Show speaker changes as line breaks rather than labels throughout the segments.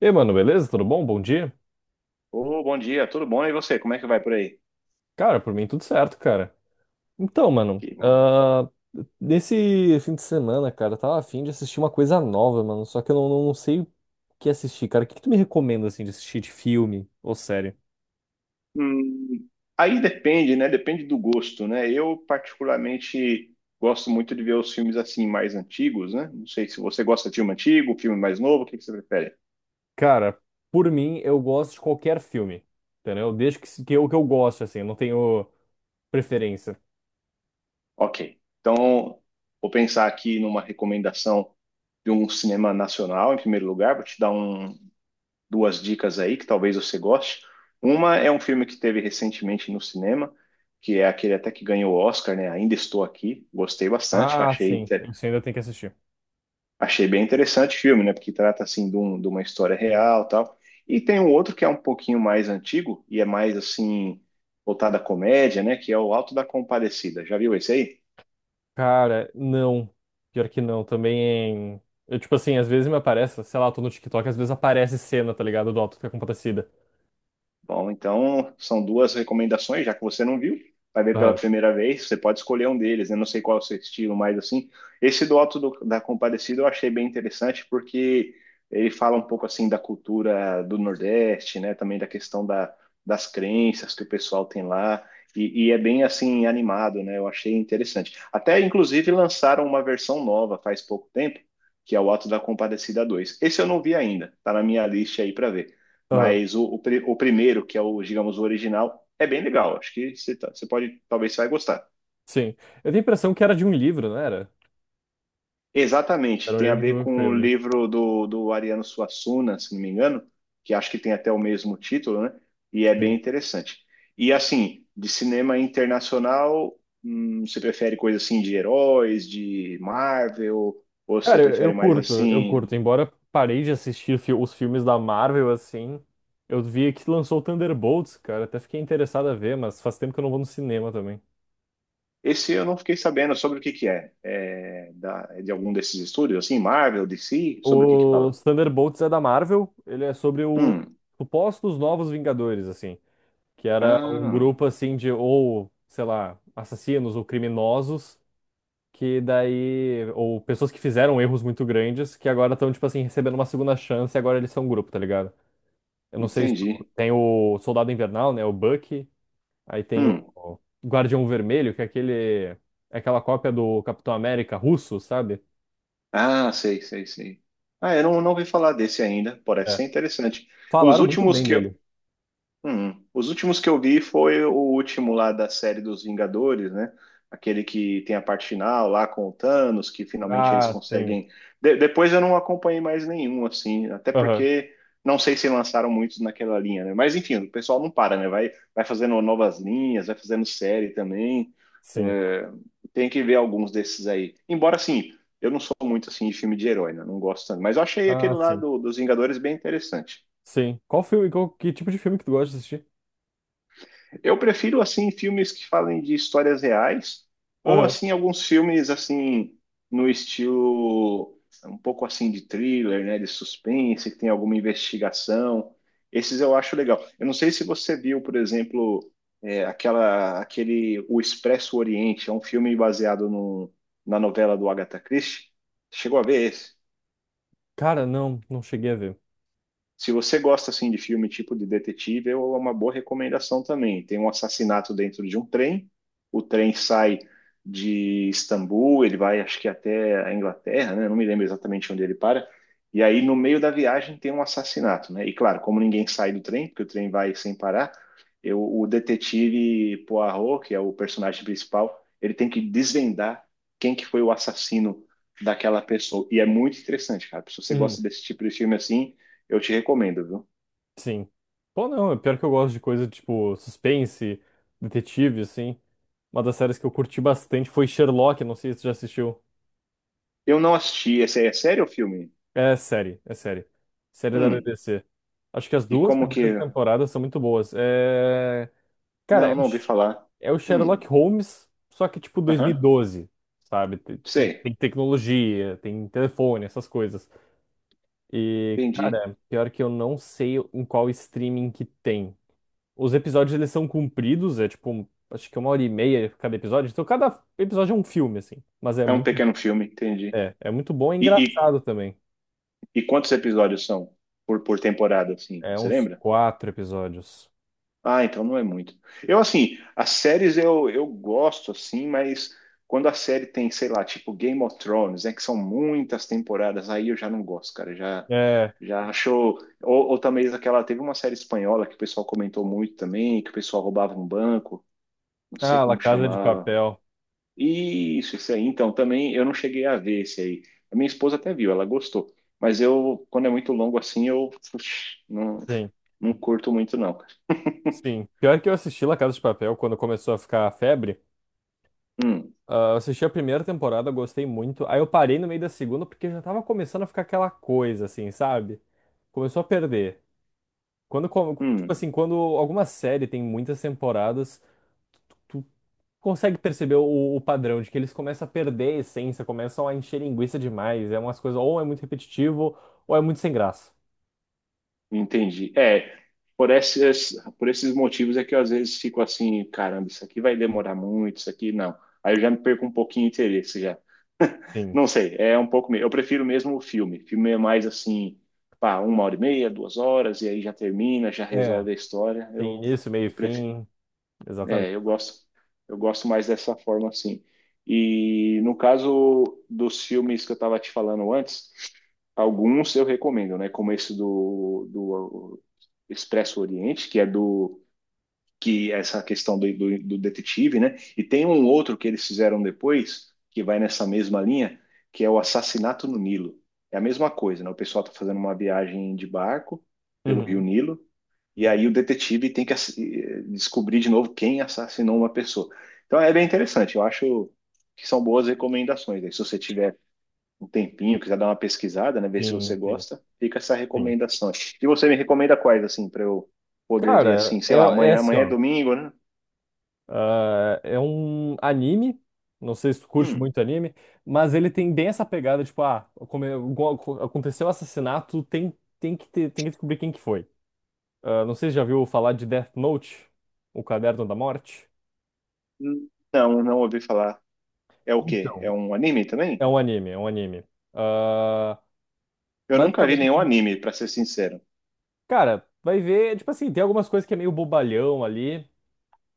E aí, mano, beleza? Tudo bom? Bom dia?
Ô, bom dia, tudo bom? E você, como é que vai por aí?
Cara, por mim tudo certo, cara. Então, mano,
Que bom.
nesse fim de semana, cara, eu tava afim de assistir uma coisa nova, mano, só que eu não, não- não sei o que assistir, cara. O que que tu me recomenda, assim, de assistir de filme ou série?
Hum, aí depende, né? Depende do gosto, né? Eu particularmente gosto muito de ver os filmes assim mais antigos, né? Não sei se você gosta de filme antigo, filme mais novo, o que que você prefere?
Cara, por mim, eu gosto de qualquer filme, entendeu? Desde que, que eu gosto, assim, eu não tenho preferência.
Ok. Então, vou pensar aqui numa recomendação de um cinema nacional, em primeiro lugar, vou te dar duas dicas aí que talvez você goste. Uma é um filme que teve recentemente no cinema, que é aquele até que ganhou o Oscar, né? Ainda Estou Aqui. Gostei bastante,
Ah, sim, isso ainda tem que assistir.
achei bem interessante o filme, né? Porque trata assim de uma história real, tal. E tem um outro que é um pouquinho mais antigo e é mais assim voltado à comédia, né? Que é o Alto da Compadecida. Já viu esse aí?
Cara, não. Pior que não, também. Eu, tipo assim, às vezes me aparece, sei lá, eu tô no TikTok, às vezes aparece cena, tá ligado? Do Auto da Compadecida.
Bom, então são duas recomendações, já que você não viu, vai ver pela
Aham,
primeira vez, você pode escolher um deles, eu não sei qual é o seu estilo, mas assim, esse do Alto da Compadecida eu achei bem interessante porque ele fala um pouco assim da cultura do Nordeste, né, também da questão das crenças que o pessoal tem lá, e é bem assim animado, né, eu achei interessante. Até inclusive lançaram uma versão nova faz pouco tempo, que é o Alto da Compadecida dois. Esse eu não vi ainda, tá na minha lista aí para ver.
aham,
Mas o primeiro, que é o, digamos, o original, é bem legal. Acho que você pode, talvez você vai gostar.
sim. Eu tenho a impressão que era de um livro, não era?
Exatamente,
Era um
tem a
livro que
ver
virou um
com o
filme.
livro do Ariano Suassuna, se não me engano, que acho que tem até o mesmo título, né? E é bem
Sim.
interessante. E assim, de cinema internacional, você prefere coisa assim de heróis, de Marvel, ou você
Cara, eu,
prefere
eu
mais
curto, eu
assim?
curto. Embora parei de assistir os filmes da Marvel, assim, eu vi que lançou o Thunderbolts, cara. Até fiquei interessado a ver, mas faz tempo que eu não vou no cinema também.
Esse eu não fiquei sabendo sobre o que que é. É de algum desses estúdios, assim, Marvel, DC, sobre o que que
O
fala?
Thunderbolts é da Marvel, ele é sobre o
Hum.
supostos novos Vingadores, assim. Que era um
Ah,
grupo assim de ou, sei lá, assassinos ou criminosos que daí ou pessoas que fizeram erros muito grandes que agora estão tipo assim recebendo uma segunda chance e agora eles são um grupo, tá ligado? Eu não sei se
entendi.
tem o Soldado Invernal, né, o Bucky, aí tem o
Hum.
o Guardião Vermelho, que é aquele é aquela cópia do Capitão América russo, sabe?
Ah, sei, sei, sei. Ah, eu não ouvi falar desse ainda. Parece
É.
ser interessante. Os
Falaram muito
últimos
bem
que
dele.
Os últimos que eu vi foi o último lá da série dos Vingadores, né? Aquele que tem a parte final lá com o Thanos, que finalmente eles
Ah, sim.
conseguem. Depois eu não acompanhei mais nenhum, assim, até
Aham,
porque não sei se lançaram muitos naquela linha, né? Mas enfim, o pessoal não para, né? Vai fazendo novas linhas, vai fazendo série também.
sim.
É, tem que ver alguns desses aí. Embora, assim, eu não sou muito assim de filme de herói, né? Não gosto tanto. Mas eu achei
Ah,
aquele lá
sim.
dos Vingadores bem interessante.
Sim. Qual filme, qual, que tipo de filme que tu gosta de assistir?
Eu prefiro assim filmes que falem de histórias reais ou
Aham.
assim alguns filmes assim no estilo um pouco assim de thriller, né, de suspense, que tem alguma investigação. Esses eu acho legal. Eu não sei se você viu, por exemplo, aquela aquele O Expresso Oriente, é um filme baseado no, na novela do Agatha Christie. Chegou a ver esse?
Cara, não, não cheguei a ver.
Se você gosta assim de filme tipo de detetive, é uma boa recomendação também. Tem um assassinato dentro de um trem. O trem sai de Istambul, ele vai acho que até a Inglaterra, né? Não me lembro exatamente onde ele para. E aí no meio da viagem tem um assassinato, né? E claro, como ninguém sai do trem, porque o trem vai sem parar, o detetive Poirot, que é o personagem principal, ele tem que desvendar quem que foi o assassino daquela pessoa. E é muito interessante, cara. Se você
Uhum,
gosta desse tipo de filme assim, eu te recomendo, viu?
sim. Pô, não, é pior que eu gosto de coisa tipo suspense, detetive, assim. Uma das séries que eu curti bastante foi Sherlock, não sei se você já assistiu.
Eu não assisti. Esse aí é sério o filme?
É série, é série. Série da
Hum.
BBC. Acho que as
E
duas
como que.
primeiras temporadas são muito boas. Cara,
Não, não ouvi falar.
É o
Hum.
Sherlock Holmes, só que tipo
Aham.
2012, sabe? Tem
Sei.
tem tecnologia, tem telefone, essas coisas. E,
Entendi.
cara, pior que eu não sei em qual streaming que tem. Os episódios eles são compridos, é tipo, acho que é uma hora e meia cada episódio. Então cada episódio é um filme, assim. Mas
É um pequeno filme, entendi.
é, é muito bom e
E, e,
engraçado também.
e quantos episódios são por temporada, assim?
É
Você
uns
lembra?
quatro episódios.
Ah, então não é muito. Eu, assim, as séries eu, gosto, assim, mas quando a série tem, sei lá, tipo Game of Thrones, né, que são muitas temporadas, aí eu já não gosto, cara, já,
É.
já achou... Ou também aquela, teve uma série espanhola que o pessoal comentou muito também, que o pessoal roubava um banco, não sei
Ah, La
como
Casa de
chamava.
Papel.
Isso aí. Então, também eu não cheguei a ver esse aí. A minha esposa até viu, ela gostou. Mas eu, quando é muito longo assim, eu puxa, não,
Sim,
não curto muito, não.
sim. Pior que eu assisti La Casa de Papel quando começou a ficar a febre.
Hum,
Ah, eu assisti a primeira temporada, gostei muito. Aí eu parei no meio da segunda porque já tava começando a ficar aquela coisa, assim, sabe? Começou a perder. Tipo
hum.
assim, quando alguma série tem muitas temporadas tu consegue perceber o padrão de que eles começam a perder a essência, começam a encher linguiça demais. É umas coisas, ou é muito repetitivo, ou é muito sem graça.
Entendi. É, por esses motivos é que eu às vezes fico assim, caramba, isso aqui vai demorar muito, isso aqui não. Aí eu já me perco um pouquinho de interesse já.
Sim.
Não sei, é um pouco. Eu prefiro mesmo o filme. Filme é mais assim, pá, uma hora e meia, duas horas, e aí já termina, já
É,
resolve a história.
tem início, meio e
Eu
fim. Exatamente.
é, eu gosto, eu gosto mais dessa forma assim. E no caso dos filmes que eu estava te falando antes, alguns eu recomendo, né? Como esse do Expresso Oriente, que é do que essa questão do detetive, né? E tem um outro que eles fizeram depois, que vai nessa mesma linha, que é o Assassinato no Nilo. É a mesma coisa, né? O pessoal está fazendo uma viagem de barco pelo Rio
Uhum.
Nilo, e aí o detetive tem que descobrir de novo quem assassinou uma pessoa. Então é bem interessante, eu acho que são boas recomendações, né? Se você tiver um tempinho, quiser dar uma pesquisada, né, ver se
Sim,
você
sim,
gosta, fica essa
sim.
recomendação. E você me recomenda quais, assim, para eu poder ver,
Cara,
assim,
é,
sei lá,
é
amanhã.
assim,
Amanhã é
ó.
domingo, né?
É um anime. Não sei se tu curte
Hum,
muito anime, mas ele tem bem essa pegada, tipo, aconteceu o assassinato, tem que descobrir quem que foi. Ah, não sei se já viu falar de Death Note, o Caderno da Morte.
não, não ouvi falar. É o quê? É
Então,
um anime também?
é um anime. Ah,
Eu nunca vi
Basicamente,
nenhum anime, para ser sincero.
cara, vai ver, tipo assim, tem algumas coisas que é meio bobalhão ali,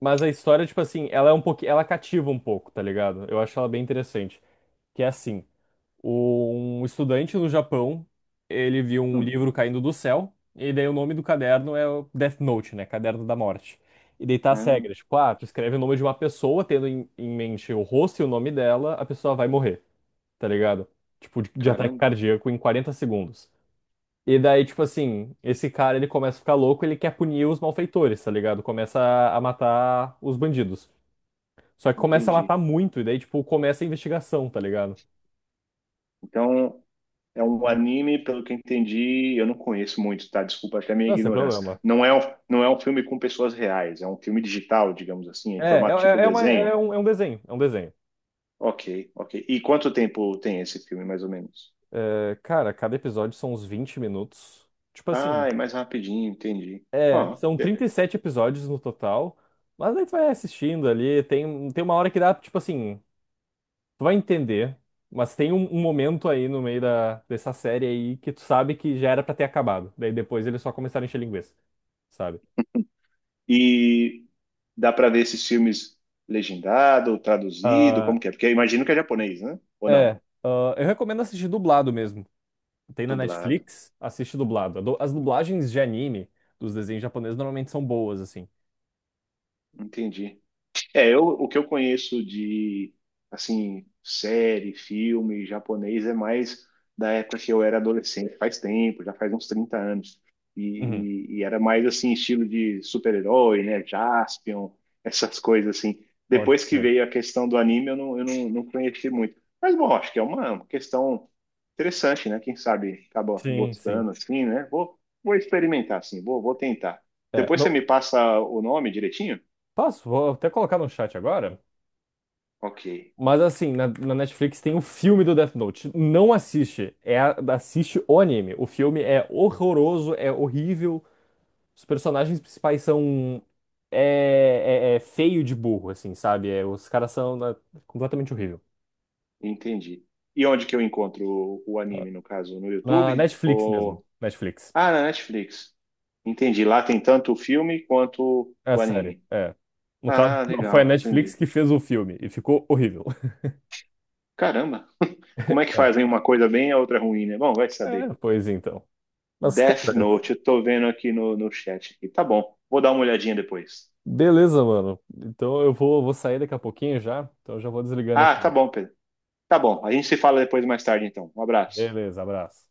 mas a história, tipo assim, ela é um pouquinho, ela cativa um pouco, tá ligado? Eu acho ela bem interessante. Que é assim, um estudante no Japão, ele viu um
Hum,
livro caindo do céu, e daí o nome do caderno é o Death Note, né? Caderno da Morte. E daí tá as
ah,
regras, tipo, ah, tu escreve o nome de uma pessoa, tendo em mente o rosto e o nome dela, a pessoa vai morrer. Tá ligado? Tipo, de ataque
caramba,
cardíaco em 40 segundos. E daí, tipo assim, esse cara ele começa a ficar louco, ele quer punir os malfeitores, tá ligado? Começa a matar os bandidos. Só que começa a matar
entendi.
muito, e daí, tipo, começa a investigação, tá ligado?
Então, é um anime, pelo que eu entendi, eu não conheço muito, tá? Desculpa até a minha
Não é
ignorância.
problema.
Não é um filme com pessoas reais, é um filme digital, digamos assim, em formato tipo
É uma-
desenho.
é um desenho, é um desenho.
Ok, ok. E quanto tempo tem esse filme, mais ou menos?
É, cara, cada episódio são uns 20 minutos. Tipo assim,
Ah, é mais rapidinho, entendi.
é,
Ó,
são
ok.
37 episódios no total. Mas aí tu vai assistindo ali, tem uma hora que dá, tipo assim, tu vai entender, mas tem um momento aí no meio dessa série aí que tu sabe que já era pra ter acabado. Daí depois eles só começaram a encher linguiça, sabe?
E dá pra ver esses filmes legendado, traduzido,
Ah,
como que é? Porque eu imagino que é japonês, né? Ou não?
é, eu recomendo assistir dublado mesmo. Tem na
Dublado.
Netflix, assiste dublado. As dublagens de anime dos desenhos japoneses normalmente são boas, assim.
Entendi. É, eu, o que eu conheço de, assim, série, filme japonês é mais da época que eu era adolescente, faz tempo, já faz uns 30 anos. E,
Uhum,
e era mais, assim, estilo de super-herói, né? Jaspion, essas coisas, assim.
pode
Depois que
crer.
veio a questão do anime, eu não conheci muito. Mas, bom, acho que é uma questão interessante, né? Quem sabe acaba
Sim, sim.
gostando, assim, né? Vou experimentar, assim, vou tentar.
É,
Depois você
não,
me passa o nome direitinho?
posso? Vou até colocar no chat agora.
Ok,
Mas assim, na Netflix tem o filme do Death Note. Não assiste. É, assiste o anime. O filme é horroroso, é horrível. Os personagens principais são. É feio de burro, assim, sabe? É, os caras são completamente horrível.
entendi. E onde que eu encontro o anime, no caso? No
Na
YouTube?
Netflix mesmo.
Ou...
Netflix.
Ah, na Netflix. Entendi. Lá tem tanto o filme quanto
É a
o
série.
anime.
É. No caso,
Ah,
não foi a
legal,
Netflix
entendi.
que fez o filme e ficou horrível.
Caramba, como é que
É.
fazem uma coisa bem e a outra ruim, né? Bom, vai saber.
É, pois então. Mas,
Death
cara,
Note, eu tô vendo aqui no chat aqui. Tá bom, vou dar uma olhadinha depois.
beleza, mano. Então eu vou, vou sair daqui a pouquinho já. Então eu já vou desligando
Ah, tá
aqui.
bom, Pedro. Tá bom, a gente se fala depois mais tarde, então. Um abraço.
Beleza, abraço.